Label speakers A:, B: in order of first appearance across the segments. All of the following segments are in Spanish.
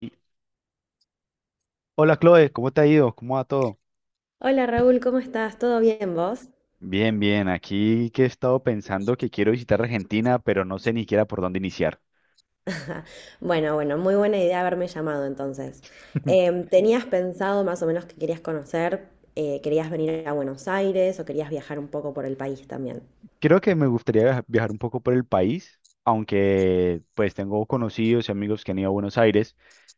A: Y- Hola Chloe, ¿cómo te ha ido? ¿Cómo va todo?
B: Hola Raúl, ¿cómo estás? ¿Todo bien vos?
A: Bien, bien, aquí que he estado pensando que quiero visitar Argentina, pero no sé ni siquiera por dónde iniciar.
B: Bueno, bueno, muy buena idea haberme llamado entonces. ¿Tenías pensado más o menos que querías conocer, querías venir a Buenos Aires o querías viajar un poco por el país también?
A: Creo que me gustaría viajar un poco por el país, aunque pues tengo conocidos y amigos que han ido a Buenos Aires.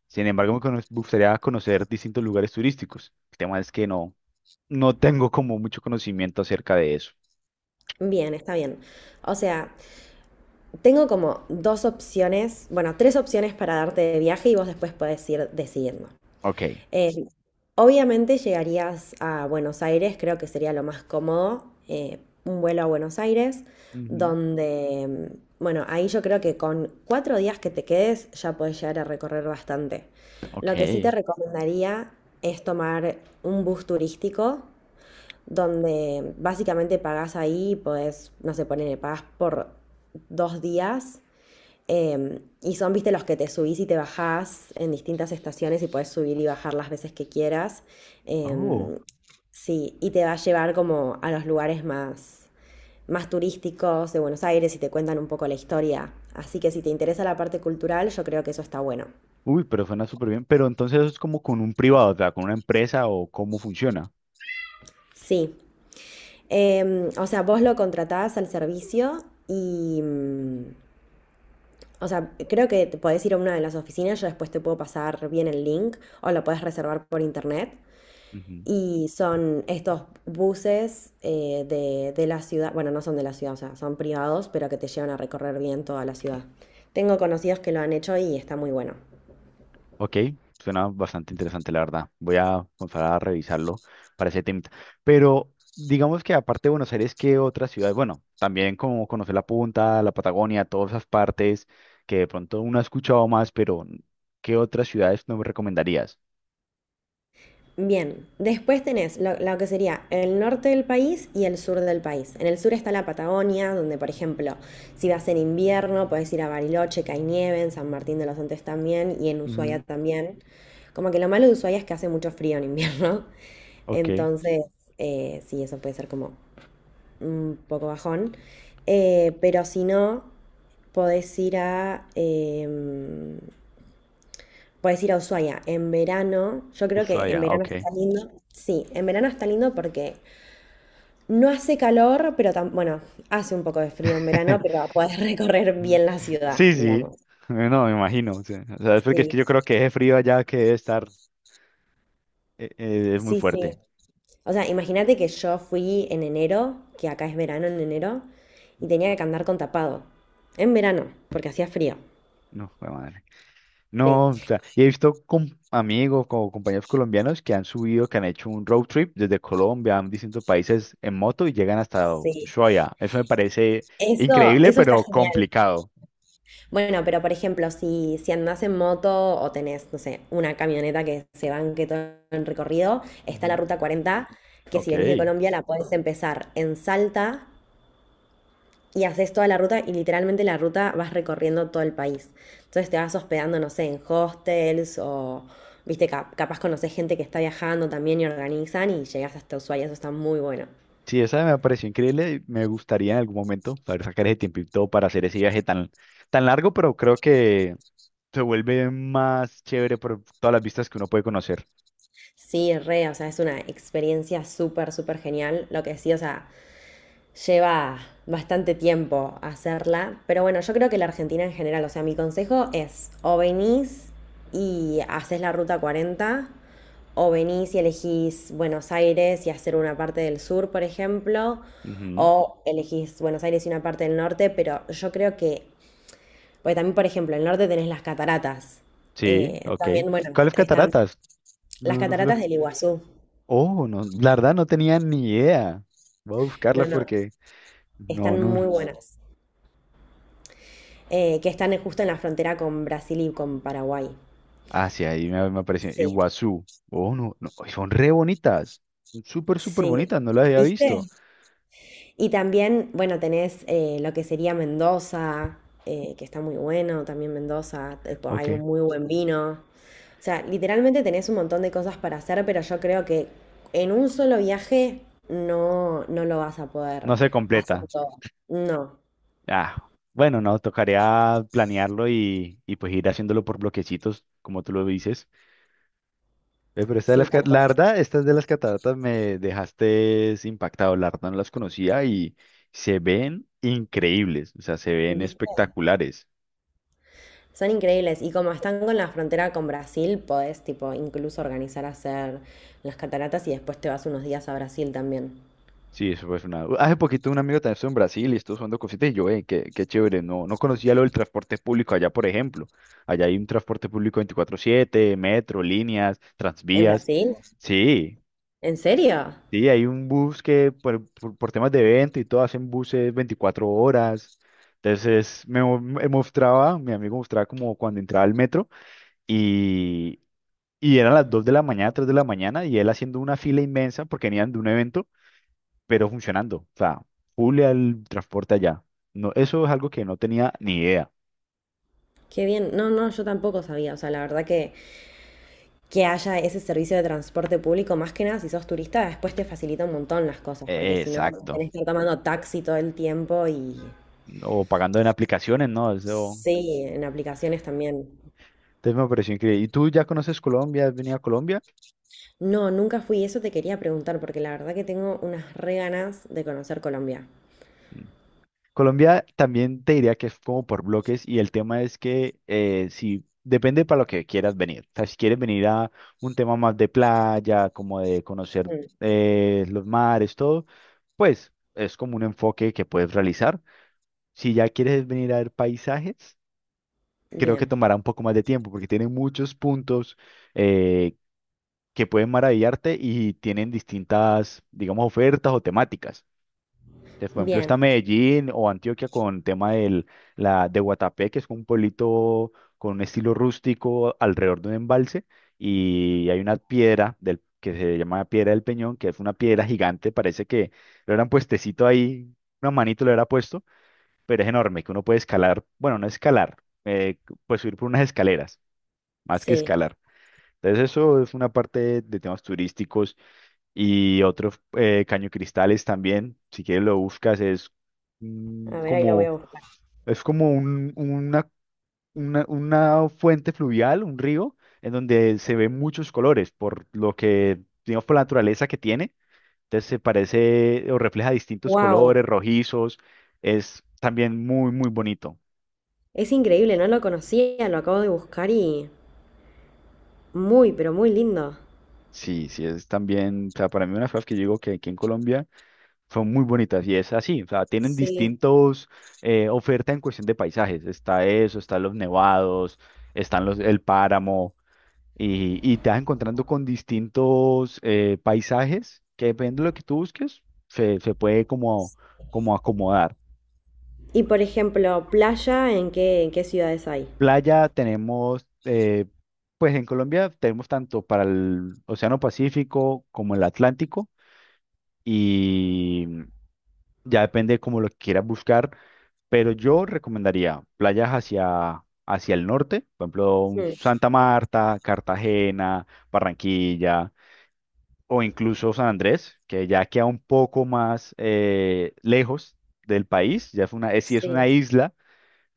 A: Sin embargo, gustaría conocer distintos lugares turísticos. El tema es que no, no tengo como mucho conocimiento acerca de eso.
B: Bien, está bien. O sea, tengo como dos opciones, bueno, tres opciones para darte de viaje y vos después podés ir decidiendo.
A: Ok.
B: Eh, Obviamente llegarías a Buenos Aires, creo que sería lo más cómodo, un vuelo a Buenos Aires,
A: Ujú.
B: donde, bueno, ahí yo creo que con 4 días que te quedes ya puedes llegar a recorrer bastante. Lo que sí te
A: Ok.
B: recomendaría es tomar un bus turístico, donde básicamente pagás ahí, pues, no sé, ponele, pagás por 2 días y son, viste, los que te subís y te bajás en distintas estaciones y puedes subir y bajar las veces que quieras.
A: Oh,
B: Eh, sí, y te va a llevar como a los lugares más, más turísticos de Buenos Aires y te cuentan un poco la historia. Así que si te interesa la parte cultural, yo creo que eso está bueno.
A: uy, pero suena súper bien. Pero entonces eso es como con un privado, o sea, con una empresa o cómo funciona.
B: Sí. O sea, vos lo contratás al servicio y, o sea, creo que te podés ir a una de las oficinas, yo después te puedo pasar bien el link o lo podés reservar por internet.
A: Ujú.
B: Y son estos buses de la ciudad, bueno, no son de la ciudad, o sea, son privados, pero que te llevan a recorrer bien toda la ciudad. Tengo conocidos que lo han hecho y está muy bueno.
A: Ok, suena bastante interesante, la verdad. Voy a comenzar a revisarlo para ese tema. Pero digamos que aparte de Buenos Aires, ¿qué otras ciudades? Bueno, también como conocer la Punta, la Patagonia, todas esas partes que de pronto uno ha escuchado más, pero ¿qué otras ciudades no me recomendarías?
B: Bien, después tenés lo que sería el norte del país y el sur del país. En el sur está la Patagonia, donde por ejemplo, si vas en invierno, puedes ir a Bariloche, que hay nieve, en San Martín de los Andes también y en Ushuaia
A: Ujú.
B: también. Como que lo malo de Ushuaia es que hace mucho frío en invierno.
A: Ok.
B: Entonces, sí, eso puede ser como un poco bajón. Pero si no, podés ir a, eh, podés ir a Ushuaia. En verano, yo creo que en
A: Ushuaia,
B: verano
A: ok.
B: está lindo. Sí, en verano está lindo porque no hace calor, pero bueno, hace un poco de frío en verano, pero podés recorrer
A: Ujú.
B: bien la ciudad,
A: Sí, sí.
B: digamos.
A: No, me imagino. Sí. O sea, es porque es que
B: Sí,
A: yo creo que ese frío allá que debe estar es muy
B: sí, sí.
A: fuerte.
B: O sea, imagínate que yo fui en enero, que acá es verano en enero, y tenía que andar con tapado. En verano, porque hacía frío.
A: No, jue madre. No, o
B: Sí,
A: sea, y he visto amigos o compañeros colombianos que han subido, que han hecho un road trip desde Colombia a distintos países en moto y llegan hasta
B: sí.
A: Ushuaia. Eso me parece
B: Eso,
A: increíble,
B: eso está
A: pero
B: genial.
A: complicado.
B: Bueno, pero por ejemplo, si andás en moto o tenés, no sé, una camioneta que se banque todo el recorrido, está la
A: Ujú.
B: ruta 40 que si
A: Ok.
B: venís de Colombia la podés empezar en Salta y haces toda la ruta y literalmente la ruta vas recorriendo todo el país. Entonces te vas hospedando, no sé, en hostels o, viste, capaz conocés gente que está viajando también y organizan y llegás hasta Ushuaia, eso está muy bueno.
A: Sí, esa me pareció increíble. Y me gustaría en algún momento poder sacar ese tiempito para hacer ese viaje tan, tan largo, pero creo que se vuelve más chévere por todas las vistas que uno puede conocer.
B: Sí, re, o sea, es una experiencia súper, súper genial. Lo que sí, o sea, lleva bastante tiempo hacerla, pero bueno, yo creo que la Argentina en general, o sea, mi consejo es o venís y haces la ruta 40, o venís y elegís Buenos Aires y hacer una parte del sur, por ejemplo,
A: Ujú.
B: o elegís Buenos Aires y una parte del norte, pero yo creo que, porque también, por ejemplo, el norte tenés las cataratas,
A: Sí, ok.
B: también, bueno,
A: ¿Cuáles
B: están
A: cataratas?
B: las
A: No, no sé.
B: cataratas del Iguazú,
A: Oh, no, la verdad no tenía ni idea. Voy a
B: no,
A: buscarlas
B: no,
A: porque no,
B: están
A: no.
B: muy buenas. Que están justo en la frontera con Brasil y con Paraguay.
A: Ah, sí, ahí me, me apareció
B: Sí,
A: Iguazú. Oh, no, no, y son re bonitas. Son súper, súper
B: sí.
A: bonitas, no las había
B: ¿Viste?
A: visto.
B: Y también, bueno, tenés lo que sería Mendoza, que está muy bueno, también Mendoza, hay un
A: Ok,
B: muy buen vino. O sea, literalmente tenés un montón de cosas para hacer, pero yo creo que en un solo viaje no, no lo vas a poder
A: no se
B: hacer
A: completa.
B: todo. No,
A: Ah, bueno, no, tocaría planearlo y pues ir haciéndolo por bloquecitos, como tú lo dices. Pero esta de
B: sí, tal
A: la
B: cual.
A: verdad, estas de las cataratas me dejaste impactado. La verdad no las conocía y se ven increíbles, o sea, se ven espectaculares.
B: Son increíbles y como están con la frontera con Brasil, podés tipo incluso organizar hacer las cataratas y después te vas unos días a Brasil también.
A: Sí, eso fue una... Hace poquito un amigo también estuvo en Brasil y estuvo usando cositas y yo, qué, qué chévere, no, no conocía lo del transporte público allá, por ejemplo. Allá hay un transporte público 24/7, metro, líneas,
B: ¿En
A: transvías.
B: Brasil?
A: Sí,
B: ¿En serio?
A: sí, hay un bus que por temas de evento y todo hacen buses 24 horas. Me mostraba, mi amigo mostraba como cuando entraba al metro y, y eran las 2 de la mañana, 3 de la mañana y él haciendo una fila inmensa porque venían de un evento pero funcionando. O sea, full al transporte allá. No, eso es algo que no tenía ni idea.
B: Qué bien. No, no, yo tampoco sabía. O sea, la verdad que haya ese servicio de transporte público, más que nada si sos turista, después te facilita un montón las cosas, porque si no
A: Exacto.
B: tenés que estar tomando taxi todo el tiempo y
A: O pagando en aplicaciones, ¿no? Eso.
B: sí, en aplicaciones también.
A: Entonces me pareció increíble. ¿Y tú ya conoces Colombia? ¿Has venido a Colombia?
B: No, nunca fui. Eso te quería preguntar porque la verdad que tengo unas re ganas de conocer Colombia.
A: Mm. Colombia también te diría que es como por bloques y el tema es que si depende para lo que quieras venir. O sea, si quieres venir a un tema más de playa, como de conocer
B: Mm.
A: los mares, todo, pues es como un enfoque que puedes realizar. Si ya quieres venir a ver paisajes, creo que
B: Bien.
A: tomará un poco más de tiempo porque tiene muchos puntos eh, que pueden maravillarte y tienen distintas, digamos, ofertas o temáticas. Entonces, por ejemplo,
B: Bien,
A: está Medellín o Antioquia con tema de Guatapé, que es un pueblito con un estilo rústico alrededor de un embalse y hay una piedra que se llama Piedra del Peñón, que es una piedra gigante, parece que lo hubieran puestecito ahí, una manito lo hubiera puesto, pero es enorme, que uno puede escalar, bueno, no escalar, eh, pues subir por unas escaleras más que
B: sí.
A: escalar. Entonces eso es una parte de temas turísticos y otro Caño Cristales también, si quieres lo buscas, es mm,
B: A ver, ahí lo voy
A: como,
B: a buscar.
A: es como una fuente fluvial, un río, en donde se ven muchos colores, por lo que, digamos, por la naturaleza que tiene. Entonces se parece o refleja distintos colores,
B: Wow,
A: rojizos, es también muy, muy bonito.
B: es increíble, no lo conocía, lo acabo de buscar y muy, pero muy lindo.
A: Sí, sí, es también, o sea, para mí una de las cosas que yo digo que aquí en Colombia son muy bonitas y es así, o sea, tienen
B: Sí.
A: distintos ofertas en cuestión de paisajes. Está eso, están los nevados, están el páramo y te vas encontrando con distintos paisajes que depende de lo que tú busques, se puede como, como acomodar.
B: Y por ejemplo, playa, ¿en qué ciudades hay?
A: Playa tenemos, pues en Colombia tenemos tanto para el Océano Pacífico como el Atlántico y ya depende como lo que quieras buscar. Pero yo recomendaría playas hacia, hacia el norte, por ejemplo, un
B: Mm,
A: Santa Marta, Cartagena, Barranquilla o incluso San Andrés, que ya queda un poco más lejos del país. Ya es sí es una
B: sí.
A: isla,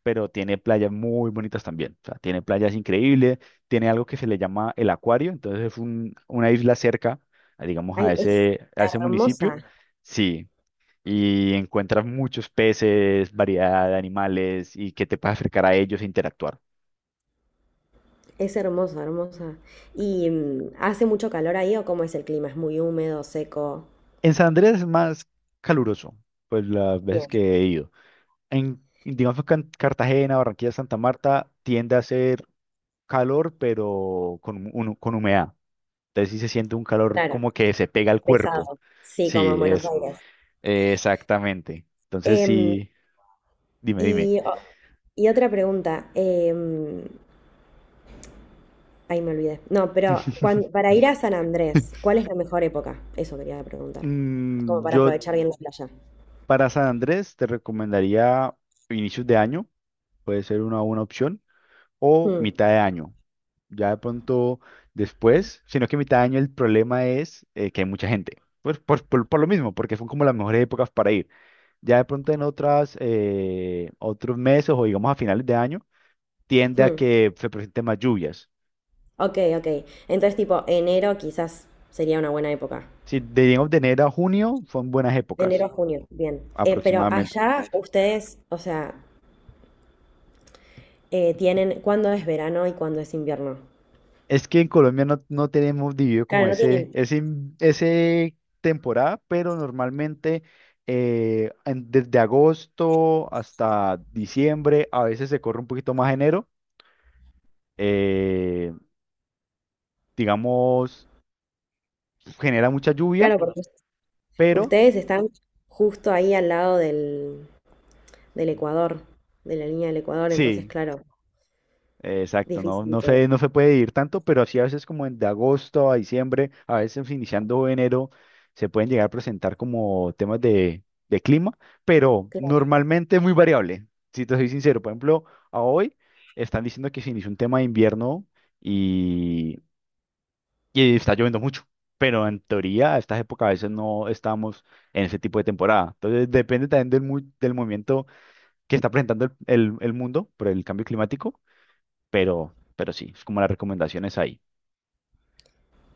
A: pero tiene playas muy bonitas también. O sea, tiene playas increíbles, tiene algo que se le llama el acuario, entonces es una isla cerca, digamos,
B: Ay,
A: a ese municipio.
B: hermosa,
A: Sí, y encuentras muchos peces, variedad de animales y que te puedes acercar a ellos e interactuar.
B: es hermosa, hermosa. ¿Y hace mucho calor ahí o cómo es el clima? ¿Es muy húmedo, seco?
A: En San Andrés es más caluroso, pues las veces
B: Bien,
A: que he ido. En, digamos que en Cartagena, Barranquilla, Santa Marta tiende a ser calor, pero con humedad. Entonces sí se siente un calor
B: claro,
A: como que se pega al cuerpo.
B: pesado. Sí, como en
A: Sí,
B: Buenos
A: es
B: Aires.
A: exactamente. Entonces
B: Em,
A: sí, dime, dime.
B: y, o- y otra pregunta, ahí me olvidé. No, pero para ir a San Andrés, ¿cuál es la mejor época? Eso quería preguntar. Como
A: Mm,
B: para
A: yo
B: aprovechar bien la playa.
A: Para San Andrés te recomendaría inicios de año, puede ser una buena opción, o
B: Hmm,
A: mitad de año. Ya de pronto después, sino que mitad de año el problema es que hay mucha gente. Pues por lo mismo, porque son como las mejores épocas para ir. Ya de pronto en otras, otros meses o digamos a finales de año, tiende a
B: hmm.
A: que se presenten más lluvias.
B: Ok, ok. Entonces, tipo, enero quizás sería una buena época.
A: Si digamos de enero a junio son buenas
B: De enero
A: épocas
B: a junio, bien. Pero
A: aproximadamente.
B: allá ustedes, o sea, tienen cuándo es verano y cuándo es invierno.
A: Es que en Colombia no, no tenemos dividido como
B: Claro, no tienen.
A: ese temporada, pero normalmente desde agosto hasta diciembre, a veces se corre un poquito más enero, eh, digamos, genera mucha lluvia,
B: Claro, porque
A: pero
B: ustedes están justo ahí al lado del, Ecuador, de la línea del Ecuador, entonces,
A: sí,
B: claro,
A: exacto,
B: difícil
A: no se puede ir tanto, pero sí a veces como en de agosto a diciembre, a veces iniciando enero, se pueden llegar a presentar como temas de clima, pero
B: que...
A: normalmente es muy variable. Si te soy sincero, por ejemplo, a hoy están diciendo que se inició un tema de invierno y, y está lloviendo mucho, pero en teoría a estas épocas a veces no estamos en ese tipo de temporada. Entonces depende también del movimiento que está presentando el mundo por el cambio climático pero sí, es como las recomendaciones ahí.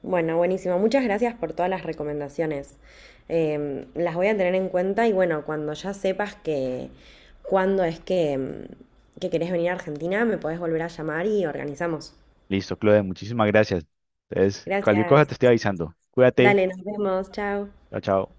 B: Bueno, buenísimo. Muchas gracias por todas las recomendaciones. Las voy a tener en cuenta y bueno, cuando ya sepas que cuándo es que querés venir a Argentina, me podés volver a llamar y organizamos.
A: Listo, Claudia, muchísimas gracias. Entonces, cualquier cosa
B: Gracias.
A: te estoy avisando. Cuídate.
B: Dale, nos vemos. Chao.
A: Chao, chao.